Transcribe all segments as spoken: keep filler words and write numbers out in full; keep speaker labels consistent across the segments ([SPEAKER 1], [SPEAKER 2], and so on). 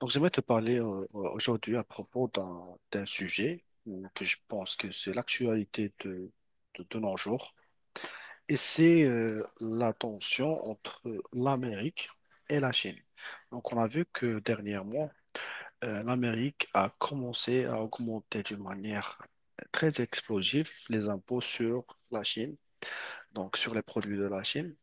[SPEAKER 1] Donc, j'aimerais te parler euh, euh, aujourd'hui à propos d'un d'un sujet euh, que je pense que c'est l'actualité de, de, de nos jours, et c'est euh, la tension entre l'Amérique et la Chine. Donc, on a vu que dernièrement, euh, l'Amérique a commencé à augmenter d'une manière très explosive les impôts sur la Chine, donc sur les produits de la Chine.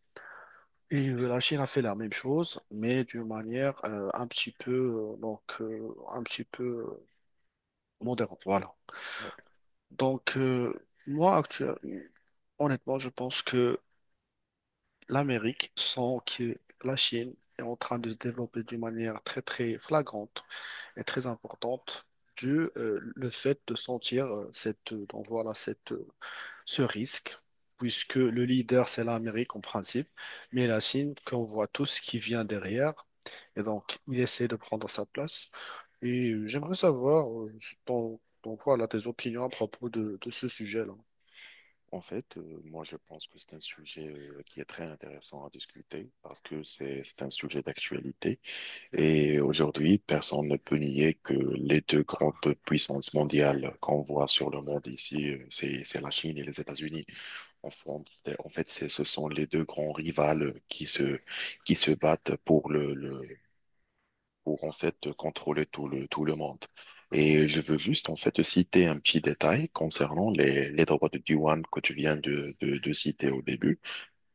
[SPEAKER 1] Et euh, la Chine a fait la même chose, mais d'une manière euh, un petit peu, euh, donc, euh, un petit peu modérable, voilà. Donc, euh, moi, actuellement, honnêtement, je pense que l'Amérique, sans que la Chine est en train de se développer d'une manière très, très flagrante et très importante, dû euh, le fait de sentir euh, cette, euh, donc voilà, cette, euh, ce risque, puisque le leader, c'est l'Amérique en principe, mais la Chine, qu'on voit tous, qui vient derrière, et donc, il essaie de prendre sa place. Et euh, j'aimerais savoir euh, ton, ton, voilà, tes opinions à propos de, de ce sujet-là.
[SPEAKER 2] En fait, euh, moi, je pense que c'est un sujet euh, qui est très intéressant à discuter parce que c'est c'est un sujet d'actualité. Et aujourd'hui, personne ne peut nier que les deux grandes puissances mondiales qu'on voit sur le monde ici, euh, c'est c'est la Chine et les États-Unis. En, fond- en fait, c'est- ce sont les deux grands rivales qui se qui se battent pour le, le pour en fait contrôler tout le, tout le monde. Et je veux juste en fait citer un petit détail concernant les, les droits de douane que tu viens de, de, de citer au début,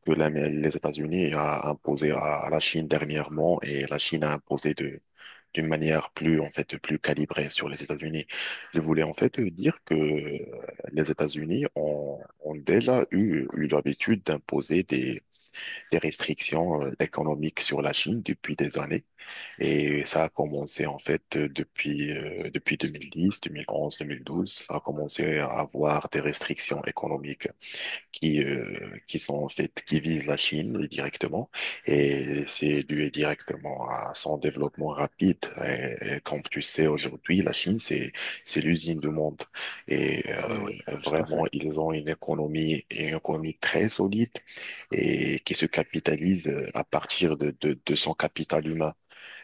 [SPEAKER 2] que la- les États-Unis a imposé à, à la Chine dernièrement et la Chine a imposé de d'une manière plus en fait plus calibrée sur les États-Unis. Je voulais en fait dire que les États-Unis ont, ont déjà eu, eu l'habitude d'imposer des, des restrictions euh, économiques sur la Chine depuis des années. Et ça a commencé en fait euh, depuis, euh, depuis deux mille dix, deux mille onze, deux mille douze. Ça a commencé à avoir des restrictions économiques qui, euh, qui sont en fait, qui visent la Chine, oui, directement. Et c'est dû directement à son développement rapide. Et, et comme tu sais, aujourd'hui, la Chine, c'est, c'est l'usine du monde. Et
[SPEAKER 1] Oui, oui,
[SPEAKER 2] euh,
[SPEAKER 1] tout à
[SPEAKER 2] vraiment,
[SPEAKER 1] fait.
[SPEAKER 2] ils ont une économie, une économie très solide et qui se capitalise euh, à partir de, de, de son capital humain.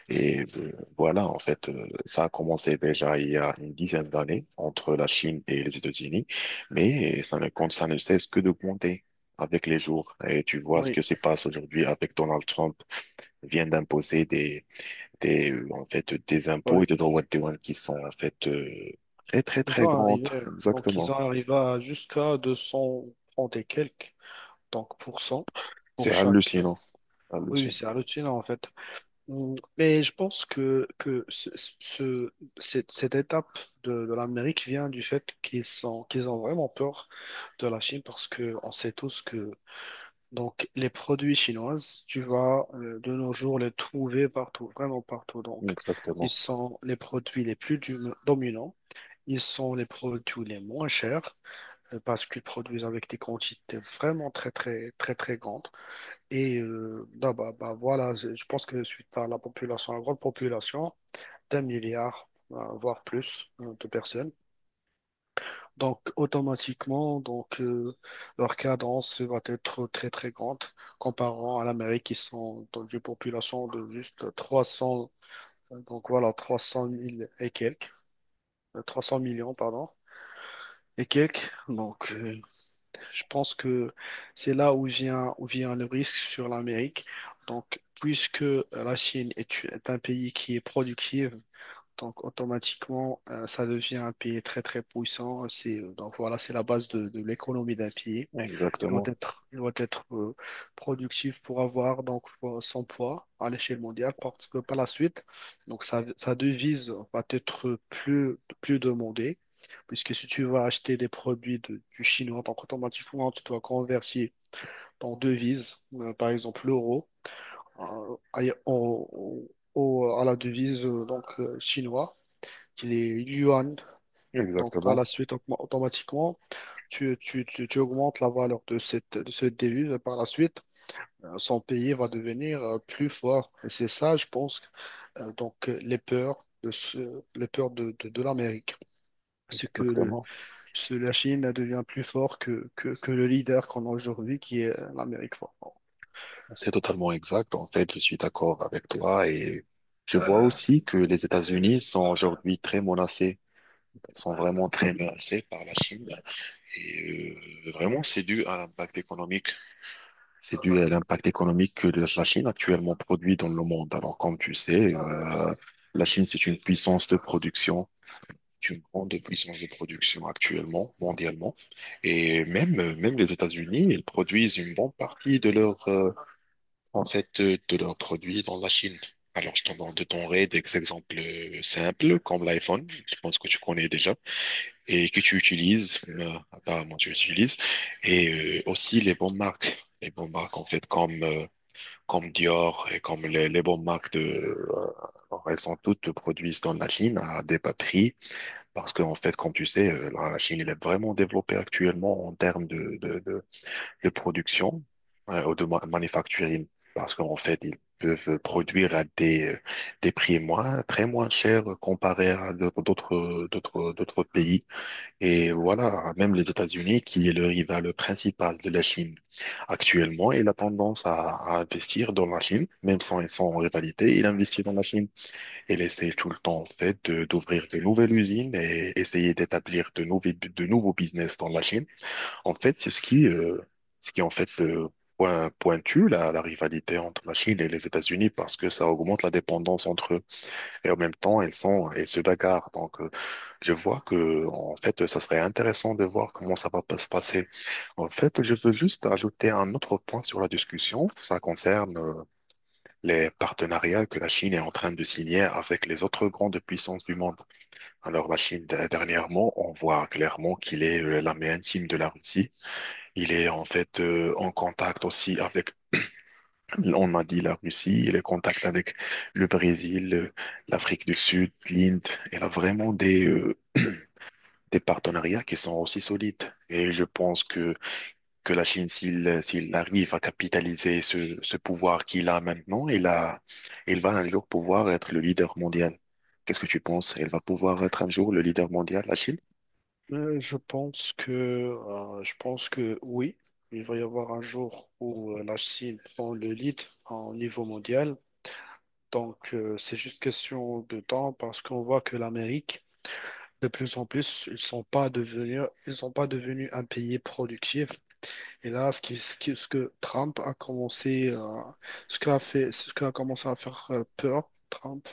[SPEAKER 2] Et euh, voilà, en fait, euh, ça a commencé déjà il y a une dizaine d'années entre la Chine et les États-Unis, mais ça ne compte, ça ne cesse que d'augmenter avec les jours. Et tu vois ce
[SPEAKER 1] Oui,
[SPEAKER 2] que se passe aujourd'hui avec Donald Trump. Il vient d'imposer des, des, euh, en fait, des
[SPEAKER 1] oui.
[SPEAKER 2] impôts et des droits de douane qui sont en fait euh, très très
[SPEAKER 1] Ils
[SPEAKER 2] très
[SPEAKER 1] ont
[SPEAKER 2] grandes.
[SPEAKER 1] arrivé, donc ils
[SPEAKER 2] Exactement.
[SPEAKER 1] ont arrivé à jusqu'à deux cents trente et quelques, donc pour cent pour
[SPEAKER 2] C'est
[SPEAKER 1] chaque.
[SPEAKER 2] hallucinant,
[SPEAKER 1] Oui, oui,
[SPEAKER 2] hallucinant.
[SPEAKER 1] c'est hallucinant en fait. Mm, mais je pense que, que ce, ce- cette, cette étape de, de l'Amérique vient du fait qu'ils sont, qu'ils ont vraiment peur de la Chine parce que on sait tous que donc, les produits chinoises, tu vas euh, de nos jours les trouver partout, vraiment partout. Donc, ils
[SPEAKER 2] Exactement,
[SPEAKER 1] sont les produits les plus dum- dominants, ils sont les produits les moins chers euh, parce qu'ils produisent avec des quantités vraiment très, très, très, très grandes. Et euh, non, bah, bah, voilà, je, je pense que suite à la population, à la grande population, d'un milliard, euh, voire plus euh, de personnes. Donc, automatiquement, donc, euh, leur cadence va être très, très grande comparant à l'Amérique qui sont dans une population de juste trois cents, euh, donc voilà, trois cent mille et quelques, euh, trois cents millions, pardon, et quelques. Donc, euh, je pense que c'est là où vient, où vient le risque sur l'Amérique. Donc, puisque la Chine est, est un pays qui est productif, donc automatiquement, euh, ça devient un pays très, très puissant. C'est, donc voilà, c'est la base de, de l'économie d'un pays. Il doit
[SPEAKER 2] exactement,
[SPEAKER 1] être, il doit être euh, productif pour avoir donc euh, son poids à l'échelle mondiale parce que par la suite, donc sa, sa devise va être plus, plus demandée puisque si tu vas acheter des produits de- du chinois, donc automatiquement tu dois convertir ton devise, euh, par exemple l'euro, euh, à, au- au- à la devise euh, donc euh, chinois qui est yuan. Donc par
[SPEAKER 2] exactement,
[SPEAKER 1] la suite, automa- automatiquement tu, tu, tu, tu augmentes la valeur de cette, de cette devise et par la suite, euh, son pays va devenir euh, plus fort. Et c'est ça, je pense, euh, donc euh, les peurs de ce- les peurs de, de, de l'Amérique. C'est que le,
[SPEAKER 2] exactement.
[SPEAKER 1] ce- la Chine devient plus fort que, que, que le leader qu'on a aujourd'hui, qui est euh, l'Amérique forte.
[SPEAKER 2] C'est totalement exact. En fait, je suis d'accord avec toi et je vois aussi que les États-Unis sont aujourd'hui très menacés. Ils sont vraiment très menacés par la Chine. Et euh, vraiment, c'est dû à l'impact économique. C'est dû à l'impact économique que la la Chine actuellement produit dans le monde. Alors, comme tu sais, euh, la Chine, c'est une puissance de production. C'est une grande puissance de production actuellement, mondialement. Et même, euh, même les États-Unis, ils produisent une bonne partie de leur euh, en fait, euh, de leurs produits dans la Chine. Alors, je t'en donne des exemples euh, simples, comme l'iPhone, je pense que tu connais déjà, et que tu utilises, euh, apparemment tu utilises, et euh, aussi les bonnes marques, les bonnes marques, en fait, comme, euh, comme Dior et comme les, les bonnes marques de... euh, alors, elles sont toutes produites dans la Chine à des bas prix, parce que en fait, comme tu sais, euh, la Chine, elle est vraiment développée actuellement en termes de de production, hein, ou de ma- manufacturier, parce qu'en fait, ils peuvent produire à des, euh, des prix moins, très moins chers euh, comparé à d'autres, d'autres, d'autres d'autres pays. Et voilà, même les États-Unis, qui est le rival principal de la Chine actuellement, il a tendance à, à investir dans la Chine, même sans ils sont en rivalité, il investit dans la Chine. Il essaie tout le temps, en fait, de- d'ouvrir de nouvelles usines et essayer d'établir de nouveaux, de nouveaux business dans la Chine. En fait, c'est ce qui, euh, ce qui en fait euh, point, pointue la, la rivalité entre la Chine et les États-Unis parce que ça augmente la dépendance entre eux et en même temps elles sont elles se bagarrent. Donc euh, je vois que en fait ça serait intéressant de voir comment ça va pas se passer. En fait, je veux juste ajouter un autre point sur la discussion. Ça concerne euh, les partenariats que la Chine est en train de signer avec les autres grandes puissances du monde. Alors la Chine d- dernièrement, on voit clairement qu'il est euh, la main intime de la Russie. Il est en fait euh, en contact aussi avec, on a dit la Russie, il est en contact avec le Brésil, euh, l'Afrique du Sud, l'Inde. Il a vraiment des, euh, des partenariats qui sont aussi solides. Et je pense que, que la Chine, s'il, s'il arrive à capitaliser ce, ce pouvoir qu'il a maintenant, il a, il va un jour pouvoir être le leader mondial. Qu'est-ce que tu penses? Elle va pouvoir être un jour le leader mondial, la Chine?
[SPEAKER 1] Euh, je pense que, euh, je pense que oui, il va y avoir un jour où euh, la Chine prend le lead en niveau mondial. Donc, euh, c'est juste question de temps parce qu'on voit que l'Amérique de plus en plus, ils sont pas devenus, ils sont pas devenus un pays productif. Et là, ce qui, ce qui- ce que Trump a commencé, euh, ce qu'a fait, ce qu'a commencé à faire euh, peur, Trump,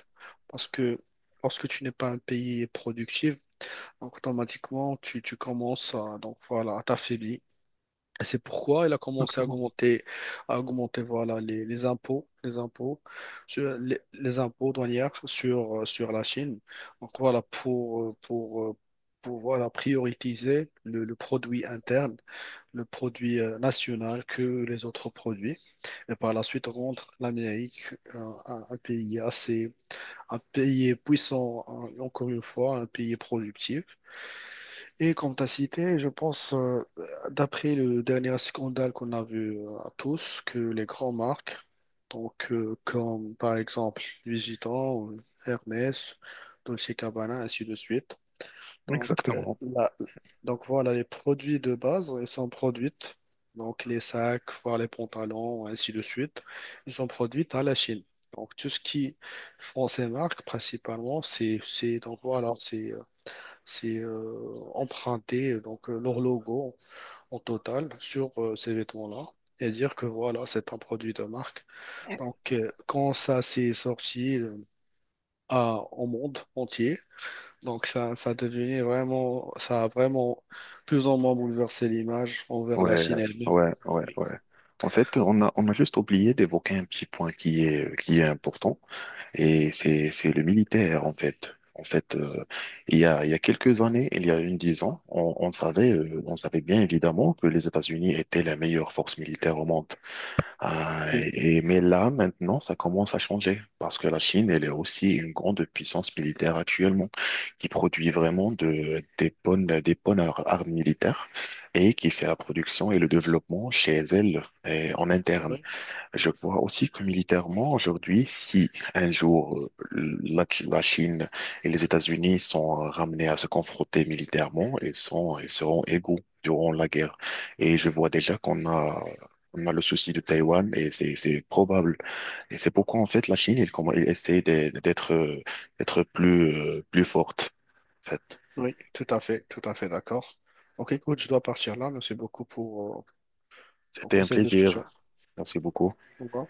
[SPEAKER 1] parce que lorsque tu n'es pas un pays productif, automatiquement, tu, tu commences à, donc voilà, à t'affaiblir. C'est pourquoi il a commencé à augmenter, à augmenter voilà, les, les impôts, les impôts, sur, les, les impôts douanières sur, euh, sur la Chine. Donc voilà, pour, euh, pour, euh, pour voilà, prioriser le, le produit interne, le produit euh, national que les autres produits. Et par la suite, rendre l'Amérique un, un- un pays assez, un pays puissant, un- encore une fois, un pays productif. Et comme tu as cité, je pense, euh, d'après le dernier scandale qu'on a vu euh, à tous, que les grandes marques, donc euh, comme par exemple Louis Vuitton, euh, Hermès, Dolce Gabbana, ainsi de suite. Donc, euh,
[SPEAKER 2] Exactement.
[SPEAKER 1] la- donc voilà, les produits de base, ils sont produits, donc les sacs, voire les pantalons, ainsi de suite, ils sont produits à la Chine. Donc tout ce qui font ces marques, principalement, c'est c'est- donc voilà, c'est euh, emprunter donc euh, leur logo en total sur euh, ces vêtements-là et dire que voilà, c'est un produit de marque. Donc euh, quand ça s'est sorti euh, à- au monde entier, donc ça, ça devenait vraiment, ça a vraiment plus ou moins bouleversé l'image envers la
[SPEAKER 2] Ouais,
[SPEAKER 1] Chine elle-même.
[SPEAKER 2] ouais, ouais,
[SPEAKER 1] Oui.
[SPEAKER 2] ouais. En fait, on a, on a juste oublié d'évoquer un petit point qui est, qui est important, et c'est, c'est le militaire, en fait. En fait, euh, il y a, il y a quelques années, il y a une dix ans, on, on savait, euh, on savait bien évidemment que les États-Unis étaient la meilleure force militaire au monde. Euh,
[SPEAKER 1] Oui.
[SPEAKER 2] et, mais là, maintenant, ça commence à changer parce que la Chine, elle est aussi une grande puissance militaire actuellement qui produit vraiment de, des bonnes, des bonnes ar- armes militaires et qui fait la production et le développement chez elle et en interne.
[SPEAKER 1] Oui.
[SPEAKER 2] Je vois aussi que militairement, aujourd'hui, si un jour euh, la, la Chine et les États-Unis sont euh, ramenés à se confronter militairement, ils sont, ils seront égaux durant la guerre. Et je vois déjà qu'on a, on a le souci de Taïwan et c'est, c'est probable. Et c'est pourquoi, en fait, la Chine, elle, comm- elle essaie de- d'être, euh, d'être plus, euh, plus forte, en fait.
[SPEAKER 1] Oui, tout à fait, tout à fait d'accord. Ok, écoute, je dois partir là. Merci beaucoup pour, euh,
[SPEAKER 2] C'était
[SPEAKER 1] pour
[SPEAKER 2] un
[SPEAKER 1] cette discussion.
[SPEAKER 2] plaisir. Merci beaucoup.
[SPEAKER 1] Au revoir.